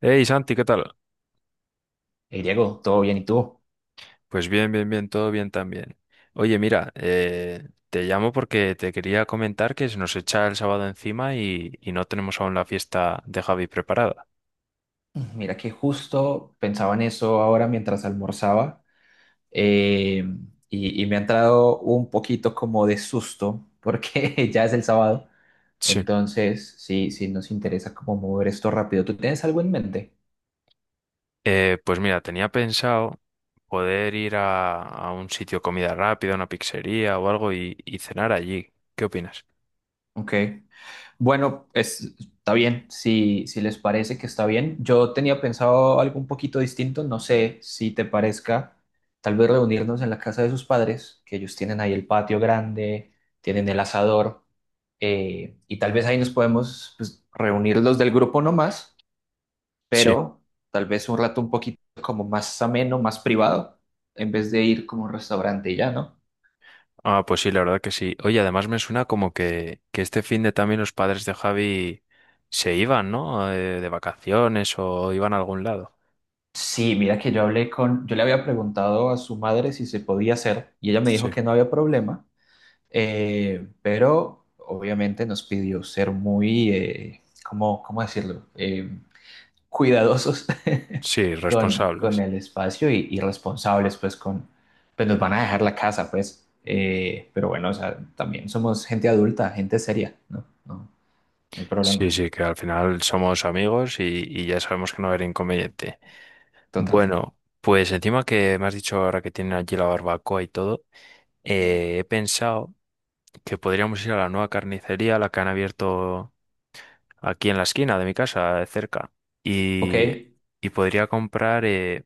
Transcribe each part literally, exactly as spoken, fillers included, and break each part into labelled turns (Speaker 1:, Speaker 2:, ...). Speaker 1: Hey Santi, ¿qué tal?
Speaker 2: Hey Diego, ¿todo bien? ¿Y tú?
Speaker 1: Pues bien, bien, bien, todo bien también. Oye, mira, eh, te llamo porque te quería comentar que se nos echa el sábado encima y, y no tenemos aún la fiesta de Javi preparada.
Speaker 2: Mira que justo pensaba en eso ahora mientras almorzaba eh, y, y me ha entrado un poquito como de susto porque ya es el sábado,
Speaker 1: Sí.
Speaker 2: entonces sí, sí nos interesa como mover esto rápido. ¿Tú tienes algo en mente?
Speaker 1: Eh, pues mira, tenía pensado poder ir a, a un sitio de comida rápida, una pizzería o algo y, y cenar allí. ¿Qué opinas?
Speaker 2: Ok. Bueno, es, está bien, si, si les parece que está bien. Yo tenía pensado algo un poquito distinto, no sé si te parezca, tal vez reunirnos en la casa de sus padres, que ellos tienen ahí el patio grande, tienen el asador, eh, y tal vez ahí nos podemos, pues, reunir los del grupo nomás,
Speaker 1: Sí.
Speaker 2: pero tal vez un rato un poquito como más ameno, más privado, en vez de ir como a un restaurante y ya, ¿no?
Speaker 1: Ah, pues sí, la verdad que sí. Oye, además me suena como que, que este fin de también los padres de Javi se iban, ¿no? Eh, de vacaciones o iban a algún lado.
Speaker 2: Sí, mira que yo hablé con, yo le había preguntado a su madre si se podía hacer y ella me dijo
Speaker 1: Sí.
Speaker 2: que no había problema, eh, pero obviamente nos pidió ser muy, eh, ¿cómo, cómo decirlo? Eh, cuidadosos,
Speaker 1: Sí,
Speaker 2: con, con
Speaker 1: responsables.
Speaker 2: el espacio, y, y responsables, pues con, pues nos van a dejar la casa, pues, eh, pero bueno, o sea, también somos gente adulta, gente seria, ¿no? No, no hay
Speaker 1: Sí,
Speaker 2: problema,
Speaker 1: sí, que al final somos amigos y, y ya sabemos que no va a haber inconveniente.
Speaker 2: total.
Speaker 1: Bueno, pues encima que me has dicho ahora que tienen allí la barbacoa y todo, eh, he pensado que podríamos ir a la nueva carnicería, la que han abierto aquí en la esquina de mi casa, de cerca,
Speaker 2: Ok,
Speaker 1: y, y podría comprar eh,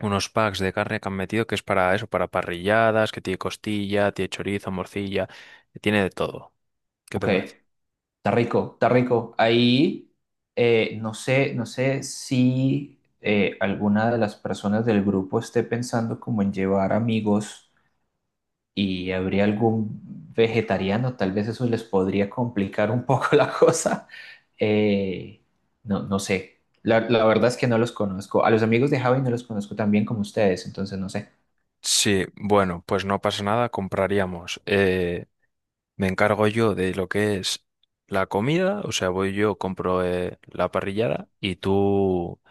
Speaker 1: unos packs de carne que han metido que es para eso, para parrilladas, que tiene costilla, tiene chorizo, morcilla, tiene de todo. ¿Qué
Speaker 2: ok.
Speaker 1: te parece?
Speaker 2: Está rico, está rico. Ahí, eh, no sé, no sé si, eh, alguna de las personas del grupo esté pensando como en llevar amigos y habría algún vegetariano, tal vez eso les podría complicar un poco la cosa. Eh, no, no sé. La, la verdad es que no los conozco. A los amigos de Javi no los conozco tan bien como ustedes, entonces no sé.
Speaker 1: Sí, bueno, pues no pasa nada, compraríamos. Eh, me encargo yo de lo que es la comida, o sea, voy yo, compro eh, la parrillada y tú,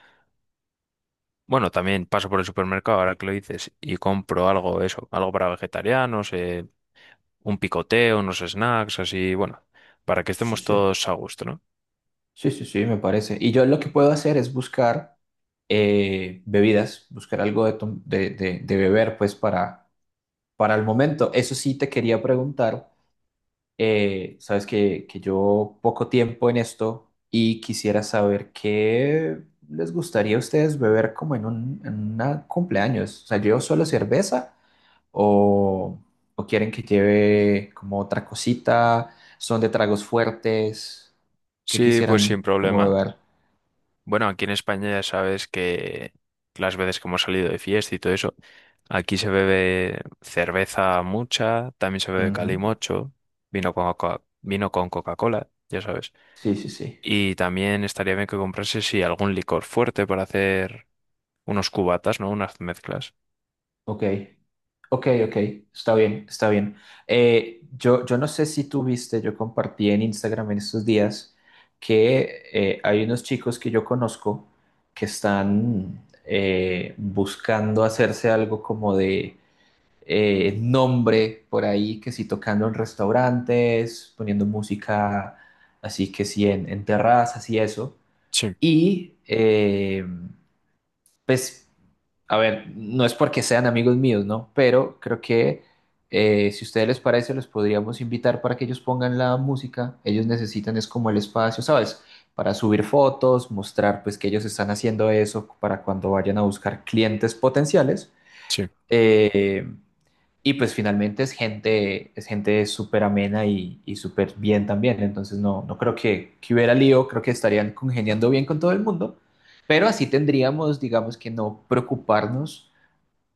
Speaker 1: bueno, también paso por el supermercado, ahora que lo dices, y compro algo, eso, algo para vegetarianos, eh, un picoteo, unos snacks, así, bueno, para que
Speaker 2: Sí,
Speaker 1: estemos
Speaker 2: sí.
Speaker 1: todos a gusto, ¿no?
Speaker 2: Sí, sí, sí, me parece. Y yo lo que puedo hacer es buscar, eh, bebidas, buscar algo de, tom- de, de- de beber, pues para, para, el momento. Eso sí te quería preguntar, eh, sabes que, que yo poco tiempo en esto y quisiera saber qué les gustaría a ustedes beber como en un en una cumpleaños. O sea, ¿llevo solo cerveza o, o quieren que lleve como otra cosita? ¿Son de tragos fuertes? ¿Qué
Speaker 1: Sí, pues sin
Speaker 2: quisieran como
Speaker 1: problema.
Speaker 2: beber?
Speaker 1: Bueno, aquí en España ya sabes que las veces que hemos salido de fiesta y todo eso, aquí se bebe cerveza mucha, también se bebe
Speaker 2: Ujú.
Speaker 1: calimocho, vino con Coca- vino con Coca-Cola, ya sabes.
Speaker 2: Sí, sí, sí.
Speaker 1: Y también estaría bien que comprase sí, algún licor fuerte para hacer unos cubatas, ¿no? Unas mezclas.
Speaker 2: Ok, ok, ok. Está bien, está bien. Eh, yo, yo no sé si tú viste, yo compartí en Instagram en estos días que, eh, hay unos chicos que yo conozco que están, eh, buscando hacerse algo como de, eh, nombre por ahí, que si tocando en restaurantes, poniendo música así que sí en, en, terrazas y eso.
Speaker 1: Sí,
Speaker 2: Y eh, pues, a ver, no es porque sean amigos míos, ¿no? Pero creo que, eh, si a ustedes les parece, los podríamos invitar para que ellos pongan la música. Ellos necesitan es como el espacio, ¿sabes? Para subir fotos, mostrar pues que ellos están haciendo eso para cuando vayan a buscar clientes potenciales.
Speaker 1: sí.
Speaker 2: Eh, y pues finalmente es gente, es gente súper amena y, y súper bien también. Entonces no, no creo que, que, hubiera lío, creo que estarían congeniando bien con todo el mundo. Pero así tendríamos, digamos, que no preocuparnos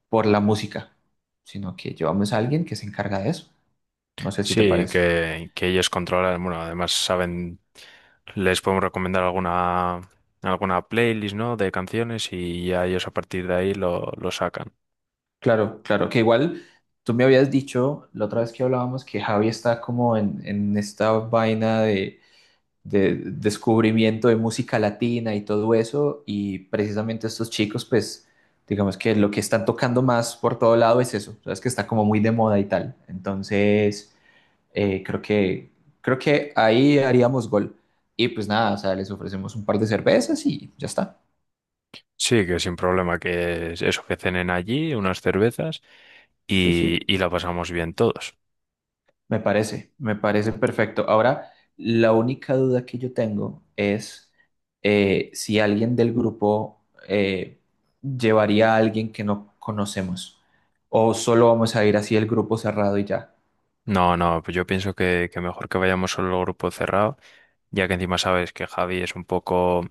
Speaker 2: por la música, sino que llevamos a alguien que se encarga de eso. No sé si te
Speaker 1: Sí,
Speaker 2: parece.
Speaker 1: que, que ellos controlan, bueno, además saben, les podemos recomendar alguna, alguna playlist, ¿no? De canciones y ya ellos a partir de ahí lo, lo sacan.
Speaker 2: Claro, claro, que igual tú me habías dicho la otra vez que hablábamos que Javi está como en, en, esta vaina de, de descubrimiento de música latina y todo eso, y precisamente estos chicos, pues digamos que lo que están tocando más por todo lado es eso, sabes que está como muy de moda y tal. Entonces... Eh, creo que, creo que ahí haríamos gol. Y pues nada, o sea, les ofrecemos un par de cervezas y ya está.
Speaker 1: Sí, que sin problema, que es eso, que cenen allí, unas cervezas
Speaker 2: Sí,
Speaker 1: y,
Speaker 2: sí,
Speaker 1: y la pasamos bien todos.
Speaker 2: me parece, me parece perfecto. Ahora, la única duda que yo tengo es, eh, si alguien del grupo, eh, llevaría a alguien que no conocemos o solo vamos a ir así el grupo cerrado y ya.
Speaker 1: No, no, pues yo pienso que, que mejor que vayamos solo el grupo cerrado, ya que encima sabes que Javi es un poco,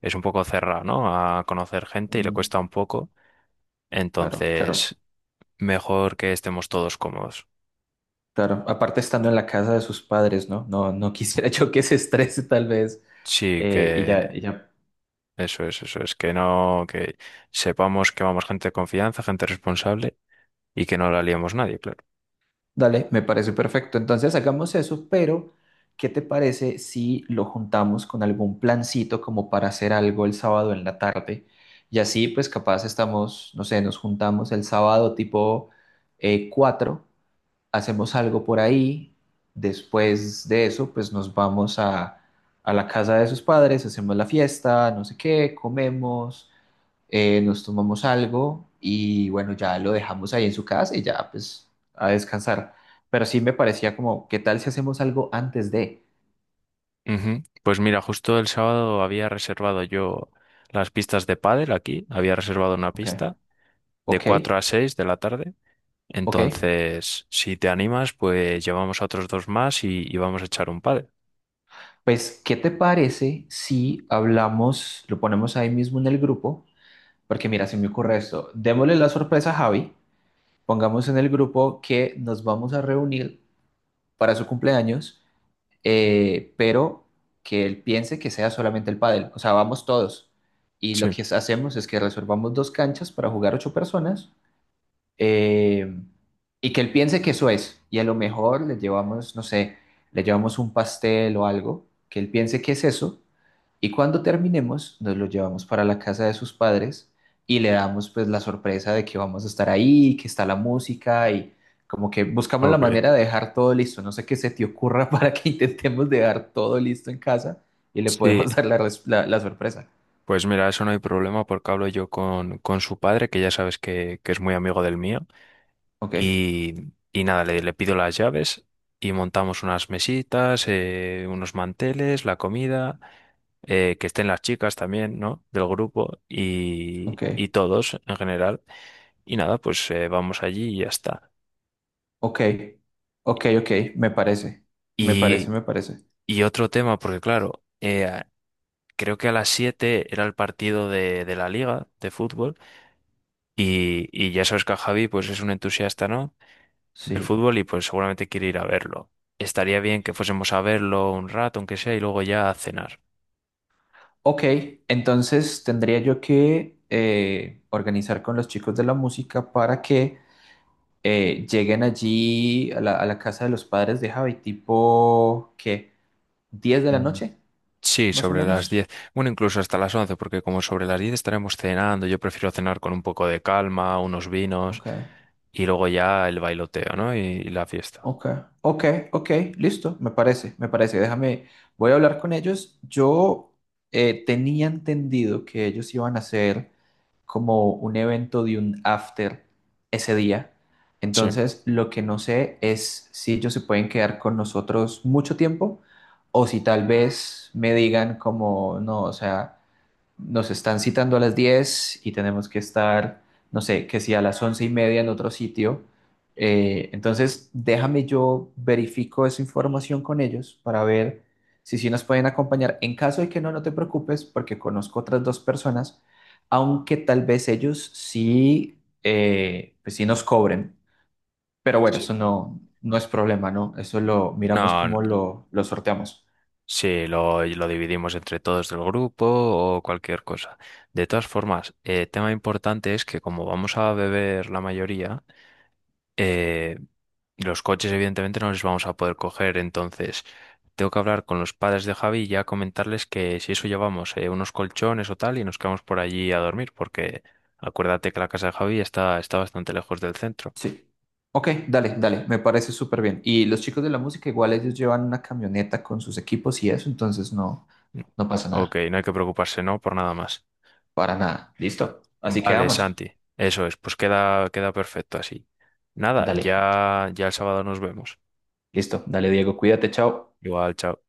Speaker 1: es un poco cerrado, ¿no? A conocer gente y le
Speaker 2: Mm,
Speaker 1: cuesta un poco.
Speaker 2: claro, claro,
Speaker 1: Entonces, mejor que estemos todos cómodos.
Speaker 2: claro. Aparte estando en la casa de sus padres, ¿no? No, no quisiera yo que se estrese tal vez,
Speaker 1: Sí,
Speaker 2: eh, y
Speaker 1: que
Speaker 2: ya, y ya
Speaker 1: eso es, eso es, que no, que sepamos que vamos gente de confianza, gente responsable y que no la liemos nadie, claro.
Speaker 2: Dale, me parece perfecto. Entonces hagamos eso, pero ¿qué te parece si lo juntamos con algún plancito como para hacer algo el sábado en la tarde? Y así pues capaz estamos, no sé, nos juntamos el sábado tipo, eh, cuatro, hacemos algo por ahí, después de eso pues nos vamos a, a la casa de sus padres, hacemos la fiesta, no sé qué, comemos, eh, nos tomamos algo y bueno, ya lo dejamos ahí en su casa y ya pues a descansar. Pero sí me parecía como, ¿qué tal si hacemos algo antes de?
Speaker 1: Ujú. Pues mira, justo el sábado había reservado yo las pistas de pádel aquí, había reservado una
Speaker 2: Ok,
Speaker 1: pista de
Speaker 2: ok,
Speaker 1: cuatro a seis de la tarde.
Speaker 2: ok.
Speaker 1: Entonces, si te animas, pues llevamos a otros dos más y, y vamos a echar un pádel.
Speaker 2: Pues, ¿qué te parece si hablamos, lo ponemos ahí mismo en el grupo? Porque mira, se me ocurre esto. Démosle la sorpresa a Javi, pongamos en el grupo que nos vamos a reunir para su cumpleaños, eh, pero que él piense que sea solamente el pádel. O sea, vamos todos. Y lo
Speaker 1: Sí,
Speaker 2: que hacemos es que reservamos dos canchas para jugar ocho personas, eh, y que él piense que eso es. Y a lo mejor le llevamos, no sé, le llevamos un pastel o algo, que él piense que es eso y cuando terminemos, nos lo llevamos para la casa de sus padres y le damos pues la sorpresa de que vamos a estar ahí, que está la música y como que buscamos la
Speaker 1: ok.
Speaker 2: manera de dejar todo listo. No sé qué se te ocurra para que intentemos dejar todo listo en casa y le
Speaker 1: Sí,
Speaker 2: podemos dar la, res- la- la sorpresa.
Speaker 1: pues mira, eso no hay problema porque hablo yo con, con su padre, que ya sabes que, que es muy amigo del mío.
Speaker 2: Ok,
Speaker 1: Y, y nada, le, le pido las llaves y montamos unas mesitas, eh, unos manteles, la comida, eh, que estén las chicas también, ¿no? Del grupo y,
Speaker 2: ok,
Speaker 1: y todos en general. Y nada, pues eh, vamos allí y ya está.
Speaker 2: ok, ok, ok, me parece, me parece,
Speaker 1: Y,
Speaker 2: me parece.
Speaker 1: y otro tema, porque claro, eh, creo que a las siete era el partido de, de la liga de fútbol y, y ya sabes que a Javi pues es un entusiasta, ¿no? Del
Speaker 2: Sí.
Speaker 1: fútbol y pues seguramente quiere ir a verlo. Estaría bien que fuésemos a verlo un rato, aunque sea, y luego ya a cenar.
Speaker 2: Ok, entonces tendría yo que, eh, organizar con los chicos de la música para que, eh, lleguen allí a la, a la casa de los padres de Javi, tipo, ¿qué? diez de la
Speaker 1: Mm,
Speaker 2: noche?
Speaker 1: sí,
Speaker 2: Más o
Speaker 1: sobre las diez.
Speaker 2: menos.
Speaker 1: Bueno, incluso hasta las once porque como sobre las diez estaremos cenando, yo prefiero cenar con un poco de calma, unos vinos
Speaker 2: Ok,
Speaker 1: y luego ya el bailoteo, ¿no? Y, y la fiesta.
Speaker 2: ok, ok, ok, listo, me parece, me parece. Déjame, voy a hablar con ellos. Yo, eh, tenía entendido que ellos iban a hacer como un evento de un after ese día.
Speaker 1: Sí,
Speaker 2: Entonces, lo que no sé es si ellos se pueden quedar con nosotros mucho tiempo o si tal vez me digan como, no, o sea... nos están citando a las diez y tenemos que estar, no sé, que si a las once y media en otro sitio. Eh, entonces, déjame, yo verifico esa información con ellos para ver si sí nos pueden acompañar. En caso de que no, no te preocupes porque conozco otras dos personas, aunque tal vez ellos sí, eh, pues sí nos cobren. Pero bueno,
Speaker 1: sí.
Speaker 2: eso no, no es problema, ¿no? Eso lo miramos
Speaker 1: No, n-
Speaker 2: como lo, lo sorteamos.
Speaker 1: sí, lo, lo dividimos entre todos del grupo o cualquier cosa. De todas formas, eh, tema importante es que como vamos a beber la mayoría, eh, los coches evidentemente no les vamos a poder coger, entonces tengo que hablar con los padres de Javi y ya comentarles que si eso llevamos eh, unos colchones o tal y nos quedamos por allí a dormir, porque acuérdate que la casa de Javi está, está bastante lejos del centro.
Speaker 2: Sí. Ok, dale, dale, me parece súper bien. Y los chicos de la música, igual ellos llevan una camioneta con sus equipos y eso, entonces no, no pasa
Speaker 1: Ok,
Speaker 2: nada,
Speaker 1: no hay que preocuparse, ¿no? Por nada más.
Speaker 2: para nada. ¿Listo? Así
Speaker 1: Vale,
Speaker 2: quedamos.
Speaker 1: Santi, eso es, pues queda, queda perfecto así. Nada,
Speaker 2: Dale,
Speaker 1: ya, ya el sábado nos vemos.
Speaker 2: listo. Dale, Diego, cuídate, chao.
Speaker 1: Igual, chao.